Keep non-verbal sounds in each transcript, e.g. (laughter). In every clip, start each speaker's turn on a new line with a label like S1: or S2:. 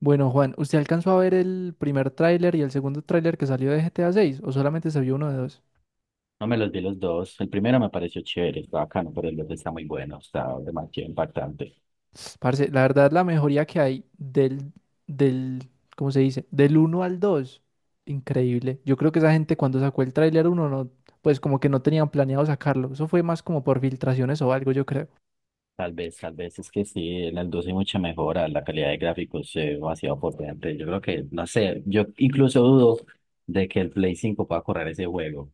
S1: Bueno, Juan, ¿usted alcanzó a ver el primer tráiler y el segundo tráiler que salió de GTA 6 o solamente se vio uno de dos?
S2: No me los vi los dos. El primero me pareció chévere, está bacano, pero el otro está muy bueno, está demasiado impactante.
S1: Parce, la verdad la mejoría que hay del ¿cómo se dice? Del uno al 2, increíble. Yo creo que esa gente cuando sacó el tráiler uno no, pues como que no tenían planeado sacarlo. Eso fue más como por filtraciones o algo, yo creo.
S2: Tal vez es que sí, en el 2 hay mucha mejora, la calidad de gráficos es demasiado potente. Yo creo que, no sé, yo incluso dudo de que el Play 5 pueda correr ese juego.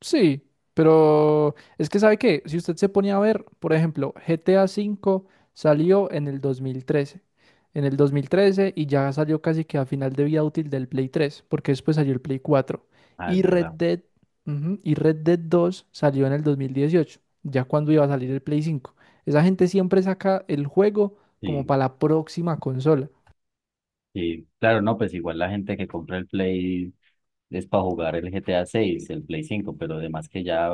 S1: Sí, pero es que sabe que si usted se ponía a ver, por ejemplo, GTA V salió en el 2013. En el 2013 y ya salió casi que a final de vida útil del Play 3, porque después salió el Play cuatro.
S2: Ah, es
S1: Y Red
S2: verdad.
S1: Dead, ujú, y Red Dead dos salió en el 2018, ya cuando iba a salir el Play 5. Esa gente siempre saca el juego como
S2: Sí,
S1: para la próxima consola.
S2: sí. Claro, no, pues igual la gente que compra el Play es para jugar el GTA seis el Play cinco, pero además que ya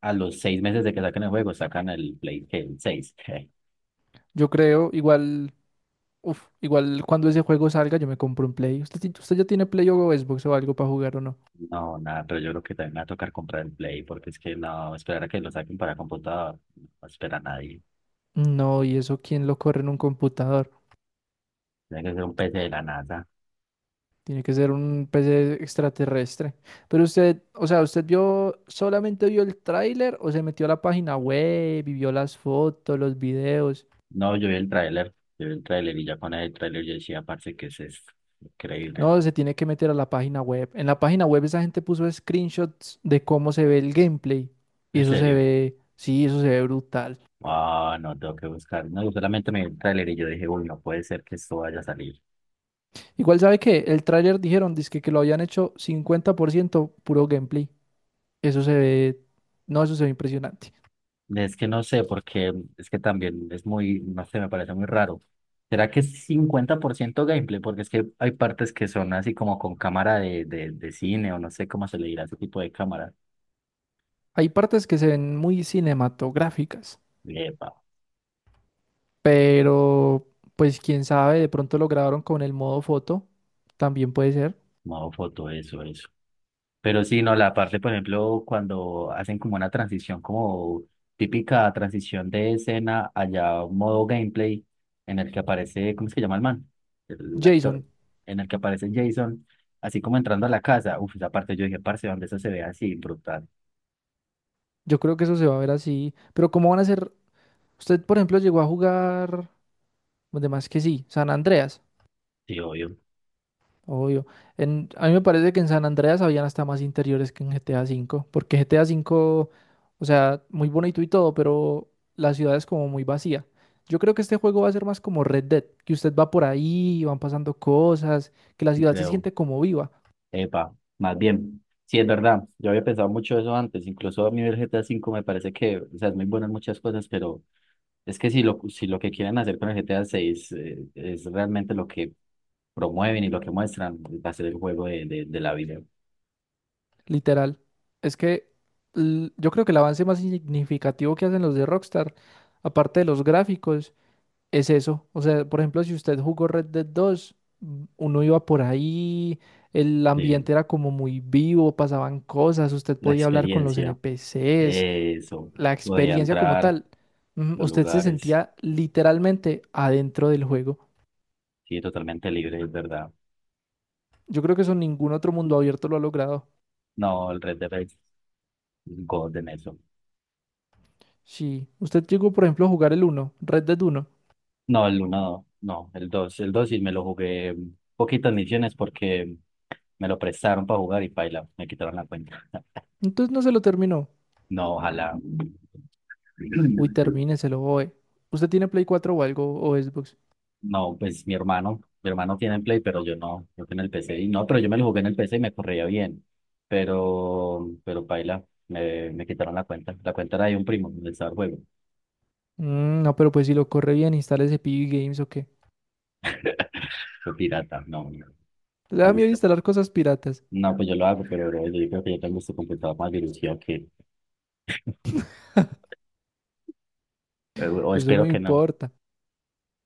S2: a los 6 meses de que saquen el juego, sacan el Play ¿qué? El seis.
S1: Yo creo, igual, uf, igual cuando ese juego salga, yo me compro un Play. ¿Usted ya tiene Play o Xbox o algo para jugar o no?
S2: No, nada, pero yo creo que también me va a tocar comprar el Play, porque es que no, esperar a que lo saquen para computador, no espera a nadie.
S1: No, ¿y eso quién lo corre en un computador?
S2: Tiene que ser un PC de la NASA.
S1: Tiene que ser un PC extraterrestre. Pero usted, o sea, ¿usted vio, solamente vio el tráiler o se metió a la página web y vio las fotos, los videos?
S2: No, yo vi el tráiler, yo vi el tráiler y ya con el tráiler yo decía, parce, ¿que es esto? Increíble.
S1: No, se tiene que meter a la página web. En la página web esa gente puso screenshots de cómo se ve el gameplay. Y
S2: ¿En
S1: eso se
S2: serio?
S1: ve, sí, eso se ve brutal.
S2: Ah, no, tengo que buscar. No, yo solamente me vi el tráiler y yo dije, uy, no puede ser que esto vaya a salir.
S1: Igual sabe que el tráiler dijeron, dizque que lo habían hecho 50% puro gameplay. Eso se ve, no, eso se ve impresionante.
S2: Es que no sé, porque es que también es muy, no sé, me parece muy raro. ¿Será que es 50% gameplay? Porque es que hay partes que son así como con cámara de cine o no sé cómo se le dirá ese tipo de cámara.
S1: Hay partes que se ven muy cinematográficas,
S2: Epa,
S1: pero pues quién sabe, de pronto lo grabaron con el modo foto, también puede ser.
S2: modo foto, eso, eso. Pero sí, no, la parte, por ejemplo, cuando hacen como una transición, como típica transición de escena allá, modo gameplay, en el que aparece, ¿cómo es que llama el man? El actor,
S1: Jason,
S2: en el que aparece Jason, así como entrando a la casa. Uf, esa parte yo dije, parce, donde eso se ve así, brutal.
S1: yo creo que eso se va a ver así, pero ¿cómo van a ser? Usted, por ejemplo, llegó a jugar, además que sí, San Andreas.
S2: Sí, obvio.
S1: Obvio. En, a mí me parece que en San Andreas habían hasta más interiores que en GTA V, porque GTA V, o sea, muy bonito y todo, pero la ciudad es como muy vacía. Yo creo que este juego va a ser más como Red Dead, que usted va por ahí, van pasando cosas, que la
S2: Sí
S1: ciudad se
S2: creo,
S1: siente como viva,
S2: epa, más bien. Sí, es verdad, yo había pensado mucho eso antes, incluso a mí el GTA V me parece que, o sea, es muy bueno en muchas cosas, pero... Es que si lo que quieren hacer con el G T A seis 6 es realmente lo que promueven y lo que muestran va a ser el juego de la vida,
S1: literal. Es que yo creo que el avance más significativo que hacen los de Rockstar, aparte de los gráficos, es eso. O sea, por ejemplo, si usted jugó Red Dead dos, uno iba por ahí, el
S2: de
S1: ambiente era como muy vivo, pasaban cosas, usted
S2: la
S1: podía hablar con los
S2: experiencia.
S1: NPCs,
S2: Eso,
S1: la
S2: podía
S1: experiencia como
S2: entrar,
S1: tal.
S2: los
S1: Usted se
S2: lugares,
S1: sentía literalmente adentro del juego.
S2: sí, totalmente libre, es verdad.
S1: Yo creo que eso ningún otro mundo abierto lo ha logrado.
S2: No, el Red Dead es God en eso.
S1: Si usted llegó, por ejemplo, a jugar el uno Red Dead uno,
S2: No, el uno no, el dos. El 2 sí me lo jugué poquitas misiones porque me lo prestaron para jugar y paila, me quitaron la cuenta. (laughs)
S1: entonces no se lo terminó.
S2: No, ojalá.
S1: Uy,
S2: (clears throat)
S1: termíneselo, oe. ¿Usted tiene Play 4 o algo, o Xbox?
S2: No, pues mi hermano tiene el Play, pero yo no, yo en el PC. Y no, pero yo me lo jugué en el PC y me corría bien. Pero paila, me quitaron la cuenta. La cuenta era de un primo del estaba el juego.
S1: Mm, no, pero pues si lo corre bien, instale ese PB Games o
S2: (laughs) Fue pirata, no, no,
S1: le
S2: me
S1: da miedo
S2: gusta.
S1: instalar cosas piratas.
S2: No, pues yo lo hago, pero bro, yo creo que yo tengo este computador más virusio que, o
S1: Eso no
S2: espero que no,
S1: importa.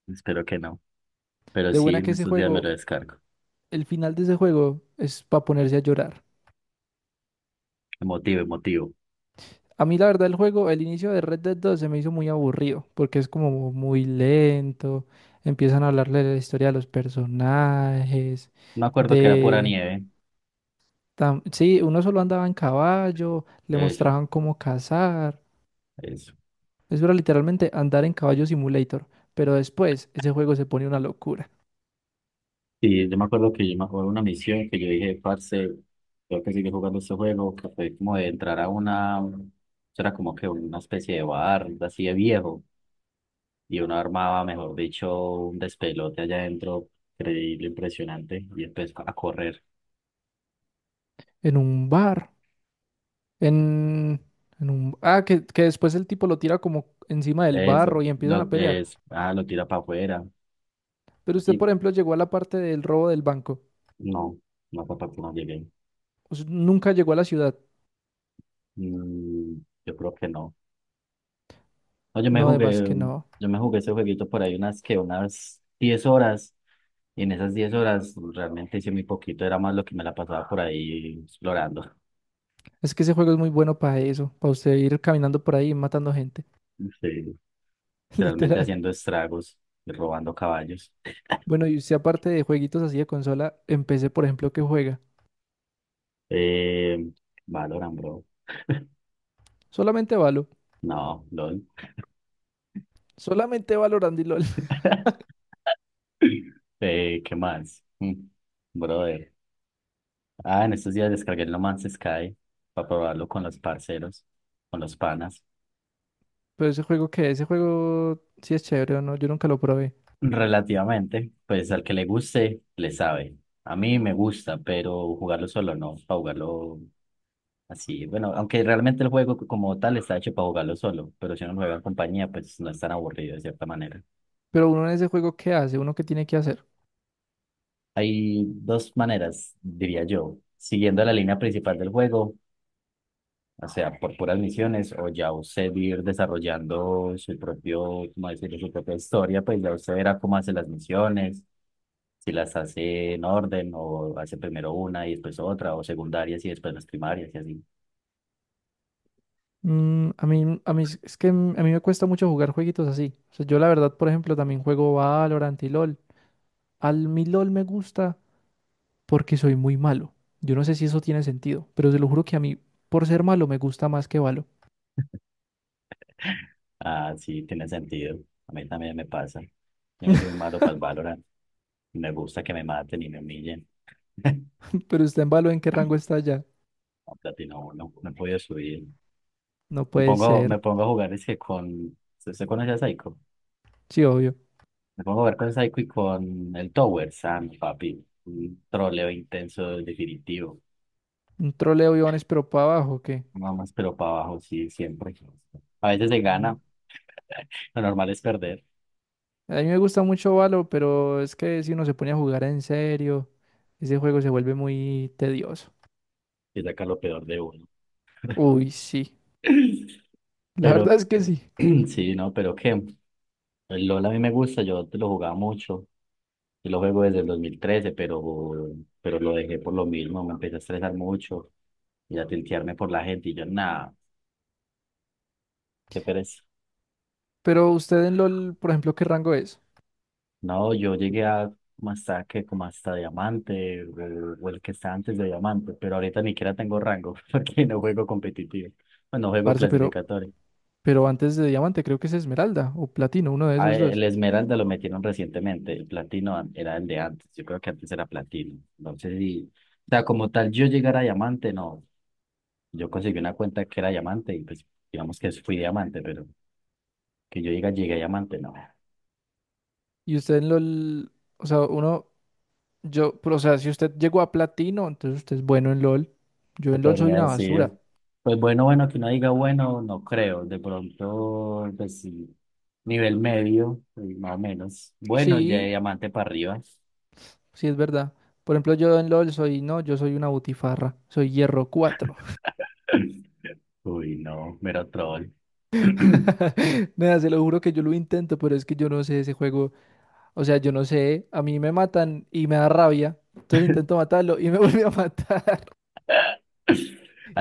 S2: espero que no. Pero
S1: De
S2: sí,
S1: buena
S2: en
S1: que ese
S2: estos días me lo
S1: juego,
S2: descargo.
S1: el final de ese juego es para ponerse a llorar.
S2: Emotivo, emotivo.
S1: A mí la verdad el juego, el inicio de Red Dead 2 se me hizo muy aburrido porque es como muy lento. Empiezan a hablarle de la historia de los personajes,
S2: Me acuerdo que era pura
S1: de...
S2: nieve.
S1: Sí, uno solo andaba en caballo, le
S2: Eso,
S1: mostraban cómo cazar.
S2: eso.
S1: Eso era literalmente andar en caballo simulator. Pero después ese juego se pone una locura.
S2: Sí, yo me acuerdo que yo me acuerdo de una misión que yo dije, parce, tengo que sigue jugando este juego, que fue como de entrar a una, eso era como que una especie de bar, así de viejo, y uno armaba, mejor dicho, un despelote allá adentro, increíble, impresionante, y empezó a correr.
S1: En un bar. En, en un... Ah, que después el tipo lo tira como encima del
S2: Eso,
S1: barro y empiezan a
S2: lo,
S1: pelear.
S2: es, ah, lo tira para afuera,
S1: Pero usted,
S2: y
S1: por ejemplo, llegó a la parte del robo del banco.
S2: no, no fue para que no llegué.
S1: Nunca llegó a la ciudad.
S2: Mm, yo creo que no. No, yo me
S1: No, además
S2: jugué,
S1: que no.
S2: yo me jugué ese jueguito por ahí unas 10 horas. Y en esas 10 horas realmente hice muy poquito, era más lo que me la pasaba por ahí explorando,
S1: Es que ese juego es muy bueno para eso, para usted ir caminando por ahí y matando gente.
S2: sí,
S1: (laughs)
S2: realmente
S1: Literal.
S2: haciendo estragos, y robando caballos.
S1: Bueno, y usted aparte de jueguitos así de consola, empecé, por ejemplo, que juega.
S2: Eh, Valorant, bro.
S1: Solamente Valo.
S2: No, LOL.
S1: Solamente Valorant y LOL.
S2: (laughs) ¿Qué más? Brother. Ah, en estos días descargué el No Man's Sky para probarlo con los parceros, con los panas.
S1: (laughs) Pero ese juego que, ese juego sí es chévere o no, yo nunca lo probé.
S2: Relativamente, pues al que le guste, le sabe. A mí me gusta, pero jugarlo solo no, para jugarlo así. Bueno, aunque realmente el juego como tal está hecho para jugarlo solo, pero si uno juega en compañía, pues no es tan aburrido de cierta manera.
S1: Pero uno en ese juego, ¿qué hace? ¿Uno qué tiene que hacer?
S2: Hay dos maneras, diría yo, siguiendo la línea principal del juego. O sea, por puras misiones, o ya usted ir desarrollando su propio, ¿cómo decirlo? Su propia historia, pues ya usted verá cómo hace las misiones, si las hace en orden, o hace primero una y después otra, o secundarias y después las primarias y así.
S1: Mm, a mí, es que a mí me cuesta mucho jugar jueguitos así. O sea, yo la verdad, por ejemplo, también juego Valorant y LOL. Al mi LOL me gusta porque soy muy malo. Yo no sé si eso tiene sentido, pero se lo juro que a mí, por ser malo, me gusta más que Valo.
S2: (laughs) Ah, sí, tiene sentido. A mí también me pasa. Yo me soy muy
S1: (laughs)
S2: malo para el Valorant. Me gusta que me maten y me humillen. (laughs)
S1: Pero usted en Valo, ¿en qué rango está ya?
S2: No, Platino uno, no he podido subir.
S1: No
S2: Me
S1: puede
S2: pongo, me
S1: ser.
S2: pongo a jugar ese con... ¿Usted conoce a Psycho?
S1: Sí, obvio.
S2: Me pongo a ver con Psycho y con el Tower Sam, papi. Un troleo intenso, definitivo.
S1: Un troleo, Iván, pero para abajo, ¿o qué?
S2: Nada más, pero para abajo, sí, siempre. A veces se
S1: Mm.
S2: gana, (laughs) lo normal es perder
S1: A mí me gusta mucho Valo, pero es que si uno se pone a jugar en serio, ese juego se vuelve muy tedioso.
S2: y sacar lo peor de uno.
S1: Uy, sí.
S2: (laughs)
S1: La verdad
S2: Pero,
S1: es que sí.
S2: (clears throat) sí, no, pero qué. El LOL a mí me gusta, yo te lo jugaba mucho. Yo lo juego desde el 2013, pero lo dejé por lo mismo. Me empecé a estresar mucho y a tiltearme por la gente. Y yo, nada, qué pereza.
S1: Pero usted en LOL, por ejemplo, ¿qué rango es?
S2: No, yo llegué a como hasta que como hasta diamante o el que está antes de diamante, pero ahorita ni siquiera tengo rango (laughs) porque no juego competitivo, bueno, no juego
S1: Parce, pero,
S2: clasificatorio.
S1: pero antes de diamante creo que es esmeralda o platino, uno de
S2: Ah,
S1: esos dos.
S2: el esmeralda lo metieron recientemente, el platino an- era el de antes, yo creo que antes era platino. Entonces, y, o sea, como tal, yo llegar a diamante, no, yo conseguí una cuenta que era diamante y pues digamos que fui diamante, pero que yo llegue, llegué a diamante, no.
S1: Y usted en LOL, o sea, uno, yo, pero, o sea, si usted llegó a platino, entonces usted es bueno en LOL. Yo
S2: Se
S1: en LOL soy
S2: podría
S1: una
S2: decir,
S1: basura.
S2: pues bueno, bueno, que no diga bueno, no creo. De pronto, pues sí, nivel medio, pues, más o menos. Bueno, ya de
S1: Sí,
S2: diamante para arriba.
S1: sí es verdad. Por ejemplo, yo en LOL soy, no, yo soy una butifarra, soy hierro cuatro.
S2: (laughs) Uy, no, mero troll. (laughs)
S1: (laughs) Nada, se lo juro que yo lo intento, pero es que yo no sé ese juego. O sea, yo no sé, a mí me matan y me da rabia. Entonces
S2: (clears throat)
S1: intento matarlo y me (laughs) vuelve a matar.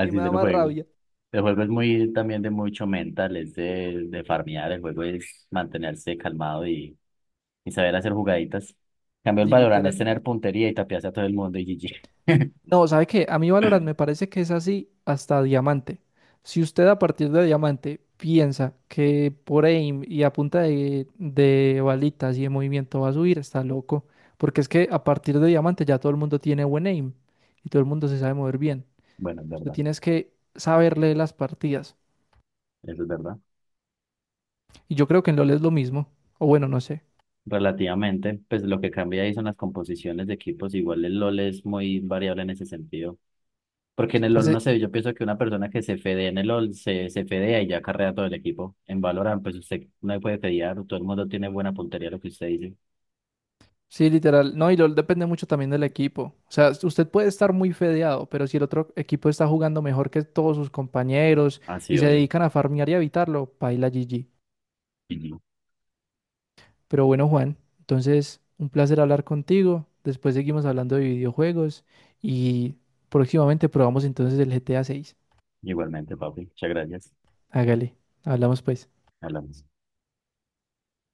S1: Y me
S2: se
S1: da
S2: lo
S1: más
S2: juego.
S1: rabia.
S2: El juego es muy también de mucho mental, es de farmear. El juego es mantenerse calmado y saber hacer jugaditas. En cambio, el
S1: Y
S2: Valorant es
S1: literal.
S2: tener puntería y tapiarse a todo el mundo y GG. (laughs)
S1: No, ¿sabe qué? A mí Valorant me parece que es así hasta diamante. Si usted a partir de diamante piensa que por aim y a punta de balitas y de movimiento va a subir, está loco. Porque es que a partir de diamante ya todo el mundo tiene buen aim y todo el mundo se sabe mover bien.
S2: Bueno, es
S1: Usted
S2: verdad,
S1: tienes que saber leer las partidas.
S2: eso es verdad.
S1: Y yo creo que en LoL es lo mismo. O bueno, no sé.
S2: Relativamente. Pues lo que cambia ahí son las composiciones de equipos. Igual el LOL es muy variable en ese sentido. Porque en el
S1: Parce,
S2: LOL, no sé, yo pienso que una persona que se fedea en el LOL se fedea y ya carrea todo el equipo. En Valorant, pues usted no puede fedear, todo el mundo tiene buena puntería a lo que usted dice.
S1: sí, literal. No, y lo depende mucho también del equipo. O sea, usted puede estar muy fedeado, pero si el otro equipo está jugando mejor que todos sus compañeros
S2: Así,
S1: y se
S2: obvio.
S1: dedican a farmear y a evitarlo, paila GG.
S2: Ujú.
S1: Pero bueno, Juan, entonces un placer hablar contigo. Después seguimos hablando de videojuegos y próximamente probamos entonces el GTA 6.
S2: Igualmente, papi. Muchas gracias.
S1: Hágale, hablamos pues.
S2: Hablamos.